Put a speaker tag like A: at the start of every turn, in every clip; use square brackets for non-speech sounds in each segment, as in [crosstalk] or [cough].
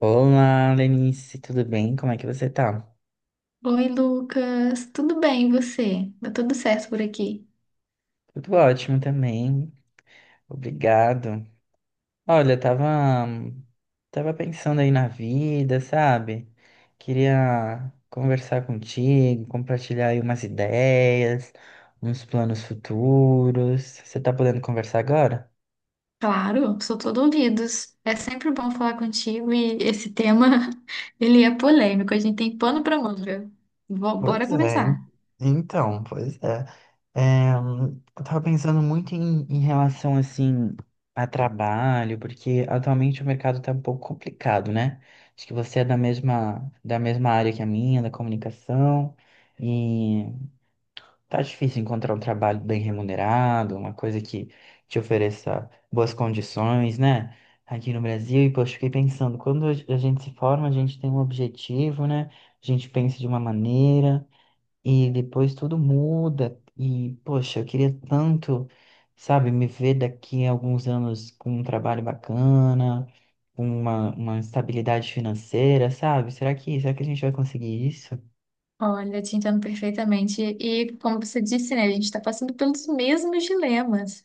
A: Olá, Lenice, tudo bem? Como é que você tá?
B: Oi, Lucas. Tudo bem, e você? Tá tudo certo por aqui?
A: Tudo ótimo também, obrigado. Olha, tava pensando aí na vida, sabe? Queria conversar contigo, compartilhar aí umas ideias, uns planos futuros. Você tá podendo conversar agora?
B: Claro, sou todo ouvidos. É sempre bom falar contigo e esse tema, [laughs] ele é polêmico, a gente tem pano pra manga. Bora
A: Pois é,
B: conversar.
A: pois é. É, hum, eu tava pensando muito em relação, assim, a trabalho, porque atualmente o mercado tá um pouco complicado, né? Acho que você é da mesma área que a minha, da comunicação, e tá difícil encontrar um trabalho bem remunerado, uma coisa que te ofereça boas condições, né? Aqui no Brasil, e poxa, fiquei pensando, quando a gente se forma, a gente tem um objetivo, né? A gente pensa de uma maneira. E depois tudo muda. E, poxa, eu queria tanto, sabe, me ver daqui a alguns anos com um trabalho bacana, com uma estabilidade financeira, sabe? Será que a gente vai conseguir isso?
B: Olha, te entendo perfeitamente. E como você disse, né, a gente está passando pelos mesmos dilemas.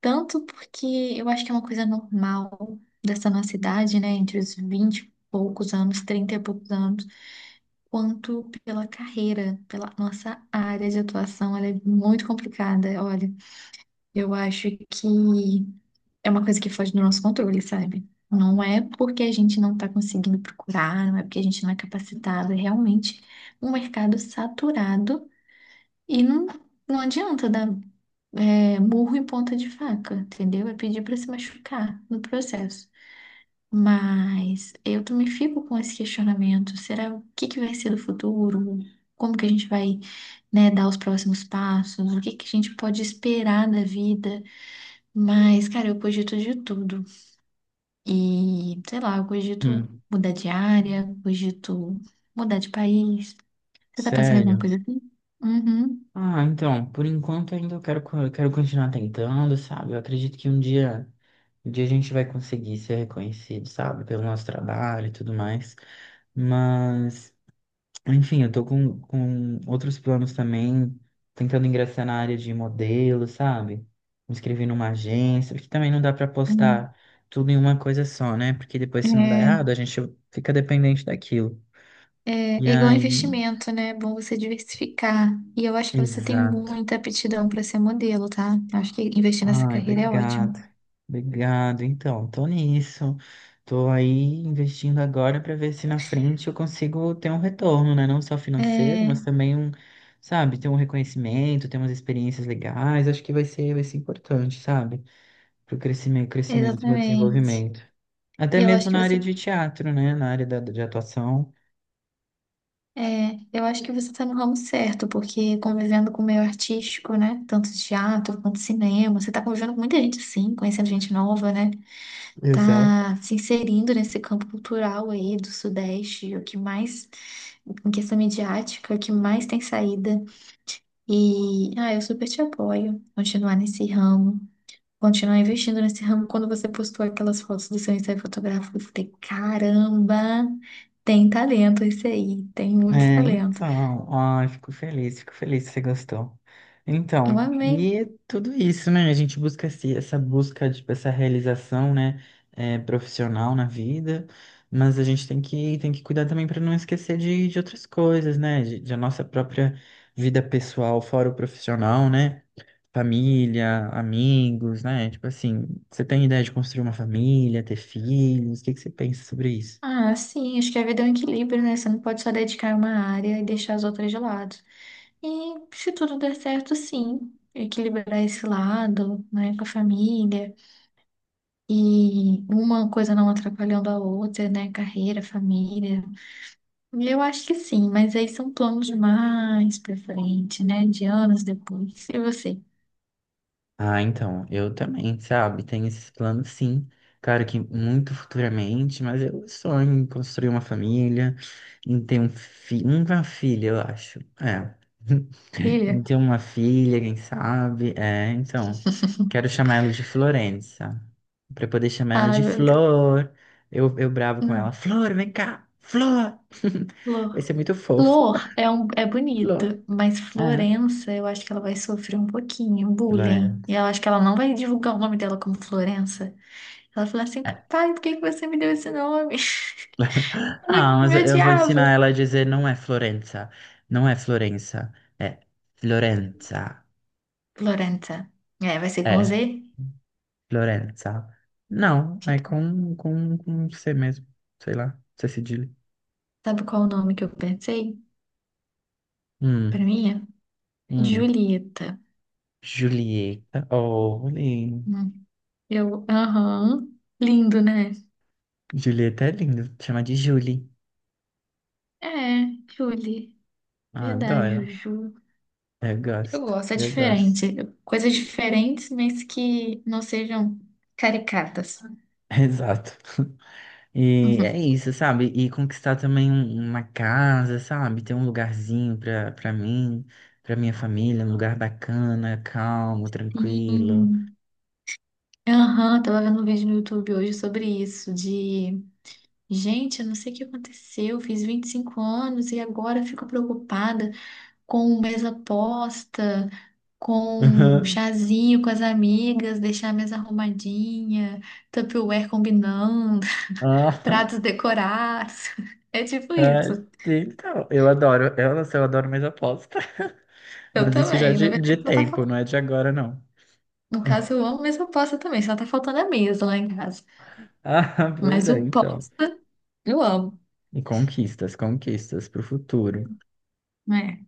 B: Tanto porque eu acho que é uma coisa normal dessa nossa idade, né, entre os 20 e poucos anos, 30 e poucos anos, quanto pela carreira, pela nossa área de atuação. Ela é muito complicada. Olha, eu acho que é uma coisa que foge do nosso controle, sabe? Não é porque a gente não está conseguindo procurar, não é porque a gente não é capacitado, é realmente um mercado saturado e não adianta dar murro em ponta de faca, entendeu? É pedir para se machucar no processo. Mas eu também fico com esse questionamento. Será o que que vai ser do futuro? Como que a gente vai, né, dar os próximos passos? O que que a gente pode esperar da vida? Mas, cara, eu cogito de tudo. E, sei lá, eu cogito
A: Hum,
B: mudar de área, cogito mudar de país. Você tá pensando em alguma
A: sério?
B: coisa assim? Uhum.
A: Ah, então, por enquanto ainda eu quero continuar tentando, sabe? Eu acredito que um dia a gente vai conseguir ser reconhecido, sabe? Pelo nosso trabalho e tudo mais. Mas. Enfim, eu tô com outros planos também, tentando ingressar na área de modelo, sabe? Me inscrever numa agência, porque também não dá pra postar tudo em uma coisa só, né? Porque depois, se não dá
B: é
A: errado, a gente fica dependente daquilo.
B: É,
A: E
B: é igual
A: aí,
B: investimento, né? É bom você diversificar. E eu acho que você tem
A: exato.
B: muita aptidão para ser modelo, tá? Eu acho que investir nessa
A: Ai,
B: carreira é ótimo.
A: obrigado. Obrigado. Então, tô nisso. Tô aí investindo agora para ver se na frente eu consigo ter um retorno, né? Não só financeiro,
B: É,
A: mas também um, sabe, ter um reconhecimento, ter umas experiências legais. Acho que vai ser importante, sabe? Pro crescimento, meu
B: exatamente.
A: desenvolvimento. Até
B: E eu acho
A: mesmo
B: que
A: na área de teatro, né? Na área de atuação.
B: eu acho que você tá no ramo certo, porque convivendo com o meio artístico, né? Tanto teatro quanto cinema, você tá convivendo com muita gente assim, conhecendo gente nova, né?
A: Exato.
B: Tá se inserindo nesse campo cultural aí do Sudeste, o que mais, em questão midiática, o que mais tem saída. E, ah, eu super te apoio. Continuar nesse ramo, continuar investindo nesse ramo. Quando você postou aquelas fotos do seu ensaio fotográfico, eu falei, caramba, tem talento esse aí, tem muito
A: É,
B: talento.
A: então, ó, fico feliz que você gostou.
B: Eu
A: Então,
B: amei.
A: e é tudo isso, né? A gente busca essa busca, tipo, essa realização, né, é, profissional na vida, mas a gente tem que cuidar também para não esquecer de outras coisas, né? De a nossa própria vida pessoal, fora o profissional, né? Família, amigos, né? Tipo assim, você tem ideia de construir uma família, ter filhos? O que que você pensa sobre isso?
B: Ah, sim, acho que a vida é um equilíbrio, né? Você não pode só dedicar uma área e deixar as outras de lado. E se tudo der certo, sim, equilibrar esse lado, né, com a família. E uma coisa não atrapalhando a outra, né? Carreira, família. Eu acho que sim, mas aí são planos mais pra frente, né? De anos depois. E você?
A: Ah, então, eu também, sabe? Tenho esses planos, sim. Claro que muito futuramente, mas eu sonho em construir uma família, em ter um fi uma filha, eu acho. É. [laughs] Em
B: Filha?
A: ter uma filha, quem sabe? É, então, quero chamar ela de Florença. Pra poder chamar ela
B: Ai,
A: de
B: meu Deus.
A: Flor. Eu bravo com ela.
B: Não.
A: Flor, vem cá! Flor! [laughs] Vai
B: Flor.
A: ser muito fofo.
B: Flor é, um, é
A: Flor.
B: bonito, mas
A: É,
B: Florença, eu acho que ela vai sofrer um pouquinho, bullying. E
A: Florença.
B: eu acho que ela não vai divulgar o nome dela como Florença. Ela fala assim, papai, por que que você me deu esse nome? [laughs]
A: Ah,
B: Eu
A: mas
B: Me
A: eu eu vou
B: odiava.
A: ensinar ela a dizer não é Florença. Não é Florença. É Florenza.
B: Florença. É, vai ser com Z?
A: É Florenza. Não, é com C mesmo. Sei lá, C cedilha.
B: Sabe qual o nome que eu pensei? Pra
A: Hum,
B: mim?
A: hum.
B: Julieta.
A: Julieta. Oh, lindo.
B: Eu, aham. Lindo, né?
A: Julieta é lindo. Chama de Julie.
B: É, Julie.
A: Ah,
B: Verdade,
A: adoro.
B: Juju. Eu gosto, é
A: Eu gosto.
B: diferente. Coisas diferentes, mas que não sejam caricatas.
A: [laughs] Exato. E é
B: [laughs]
A: isso, sabe? E conquistar também uma casa, sabe? Ter um lugarzinho pra mim, pra minha família, um lugar bacana, calmo, tranquilo.
B: Sim. Aham, tava vendo um vídeo no YouTube hoje sobre isso, de... Gente, eu não sei o que aconteceu, fiz 25 anos e agora fico preocupada com mesa posta, com
A: Aham. [laughs]
B: chazinho com as amigas, deixar a mesa arrumadinha, Tupperware combinando,
A: Ah,
B: pratos decorados. [laughs] É tipo
A: ah,
B: isso.
A: então, eu adoro, eu não sei, eu adoro mais aposta. [laughs]
B: Eu
A: Mas isso já é
B: também. Na
A: de
B: verdade, só tá
A: tempo, não
B: faltando.
A: é de agora, não.
B: No caso, eu amo, mas eu posso também. Só tá faltando a mesa lá em casa.
A: [laughs] Ah, pois
B: Mas
A: é,
B: o
A: então.
B: posta, eu amo.
A: E conquistas pro futuro.
B: Né?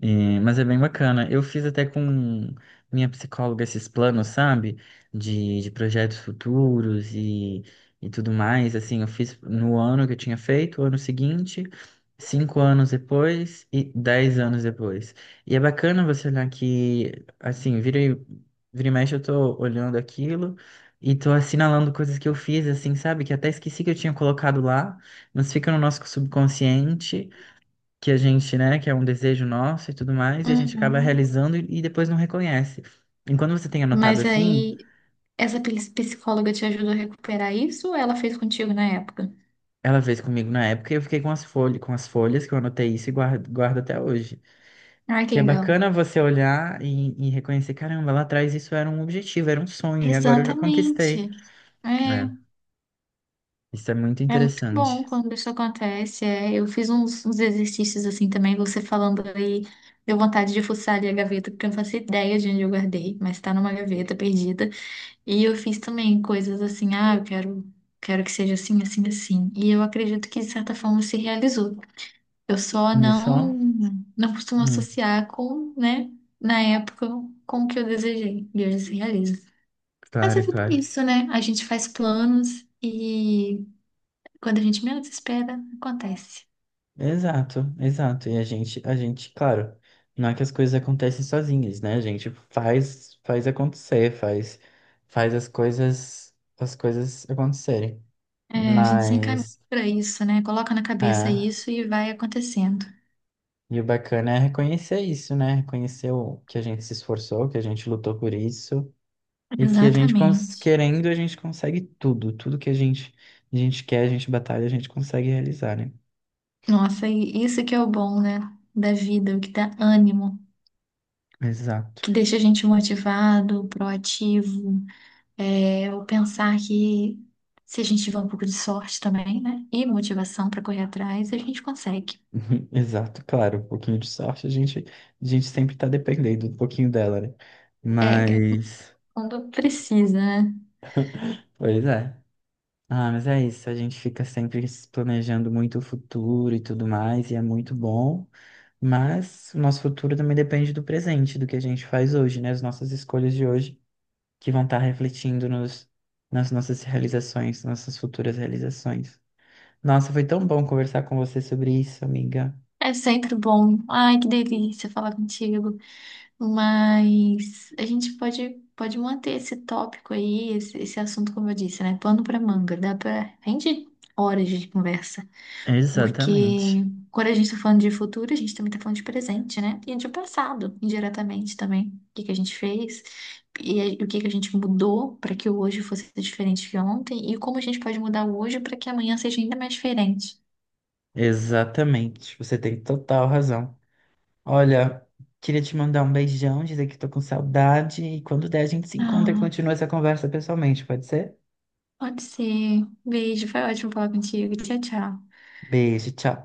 A: Mas é bem bacana. Eu fiz até com minha psicóloga esses planos, sabe? De projetos futuros e tudo mais. Assim, eu fiz no ano que eu tinha feito, o ano seguinte, 5 anos depois e 10 anos depois. E é bacana você olhar que, assim, vira e mexe, eu tô olhando aquilo e tô assinalando coisas que eu fiz, assim, sabe? Que até esqueci que eu tinha colocado lá, mas fica no nosso subconsciente que a gente, né, que é um desejo nosso e tudo mais, e a gente acaba
B: Uhum.
A: realizando e depois não reconhece. Enquanto você tem anotado
B: Mas
A: assim,
B: aí, essa psicóloga te ajudou a recuperar isso ou ela fez contigo na época?
A: ela fez comigo na época e eu fiquei com as folhas que eu anotei isso e guardo até hoje.
B: Ai, que
A: Porque é
B: legal.
A: bacana você olhar e reconhecer, caramba, lá atrás isso era um objetivo, era um sonho, e agora eu já conquistei.
B: Exatamente. É.
A: É, isso é muito
B: É muito bom
A: interessante.
B: quando isso acontece. É. Eu fiz uns exercícios assim também, você falando aí, deu vontade de fuçar ali a gaveta, porque eu não faço ideia de onde eu guardei, mas tá numa gaveta perdida. E eu fiz também coisas assim, ah, quero que seja assim, assim, assim. E eu acredito que de certa forma se realizou. Eu só
A: E só?
B: não, não costumo
A: Hum,
B: associar com, né, na época, com o que eu desejei. E hoje se realiza. Mas a vida é
A: claro.
B: isso, né? A gente faz planos. E quando a gente menos espera, acontece.
A: Exato. E claro, não é que as coisas acontecem sozinhas, né? A gente faz acontecer, faz as as coisas acontecerem.
B: É, a gente se encaminha
A: Mas,
B: para isso, né? Coloca na cabeça
A: é,
B: isso e vai acontecendo.
A: e o bacana é reconhecer isso, né? Reconhecer o, que a gente se esforçou, que a gente lutou por isso e que a gente, cons-
B: Exatamente.
A: querendo, a gente consegue tudo, tudo que a gente quer, a gente batalha, a gente consegue realizar, né?
B: Nossa, e isso que é o bom, né? Da vida, o que dá ânimo,
A: Exato.
B: que deixa a gente motivado, proativo. É, o pensar que se a gente tiver um pouco de sorte também, né? E motivação para correr atrás, a gente consegue.
A: [laughs] Uhum, exato, claro, um pouquinho de sorte, a gente sempre tá dependendo um pouquinho dela, né?
B: É,
A: Mas,
B: quando precisa, né?
A: pois é. Ah, mas é isso, a gente fica sempre se planejando muito o futuro e tudo mais, e é muito bom, mas o nosso futuro também depende do presente, do que a gente faz hoje, né? As nossas escolhas de hoje, que vão estar refletindo nas nossas realizações, nossas futuras realizações. Nossa, foi tão bom conversar com você sobre isso, amiga.
B: É sempre bom. Ai, que delícia falar contigo. Mas a gente pode manter esse tópico aí, esse assunto, como eu disse, né? Pano pra manga, dá pra rende horas de conversa.
A: Exatamente.
B: Porque quando a gente tá falando de futuro, a gente também tá falando de presente, né? E de passado, indiretamente também. O que que a gente fez e o que que a gente mudou para que o hoje fosse diferente de ontem e como a gente pode mudar o hoje para que amanhã seja ainda mais diferente.
A: Exatamente, você tem total razão. Olha, queria te mandar um beijão, dizer que tô com saudade e quando der a gente se encontra e
B: Ah,
A: continua essa conversa pessoalmente, pode ser?
B: pode ser. Beijo, foi ótimo falar contigo. Tchau, tchau.
A: Beijo, tchau.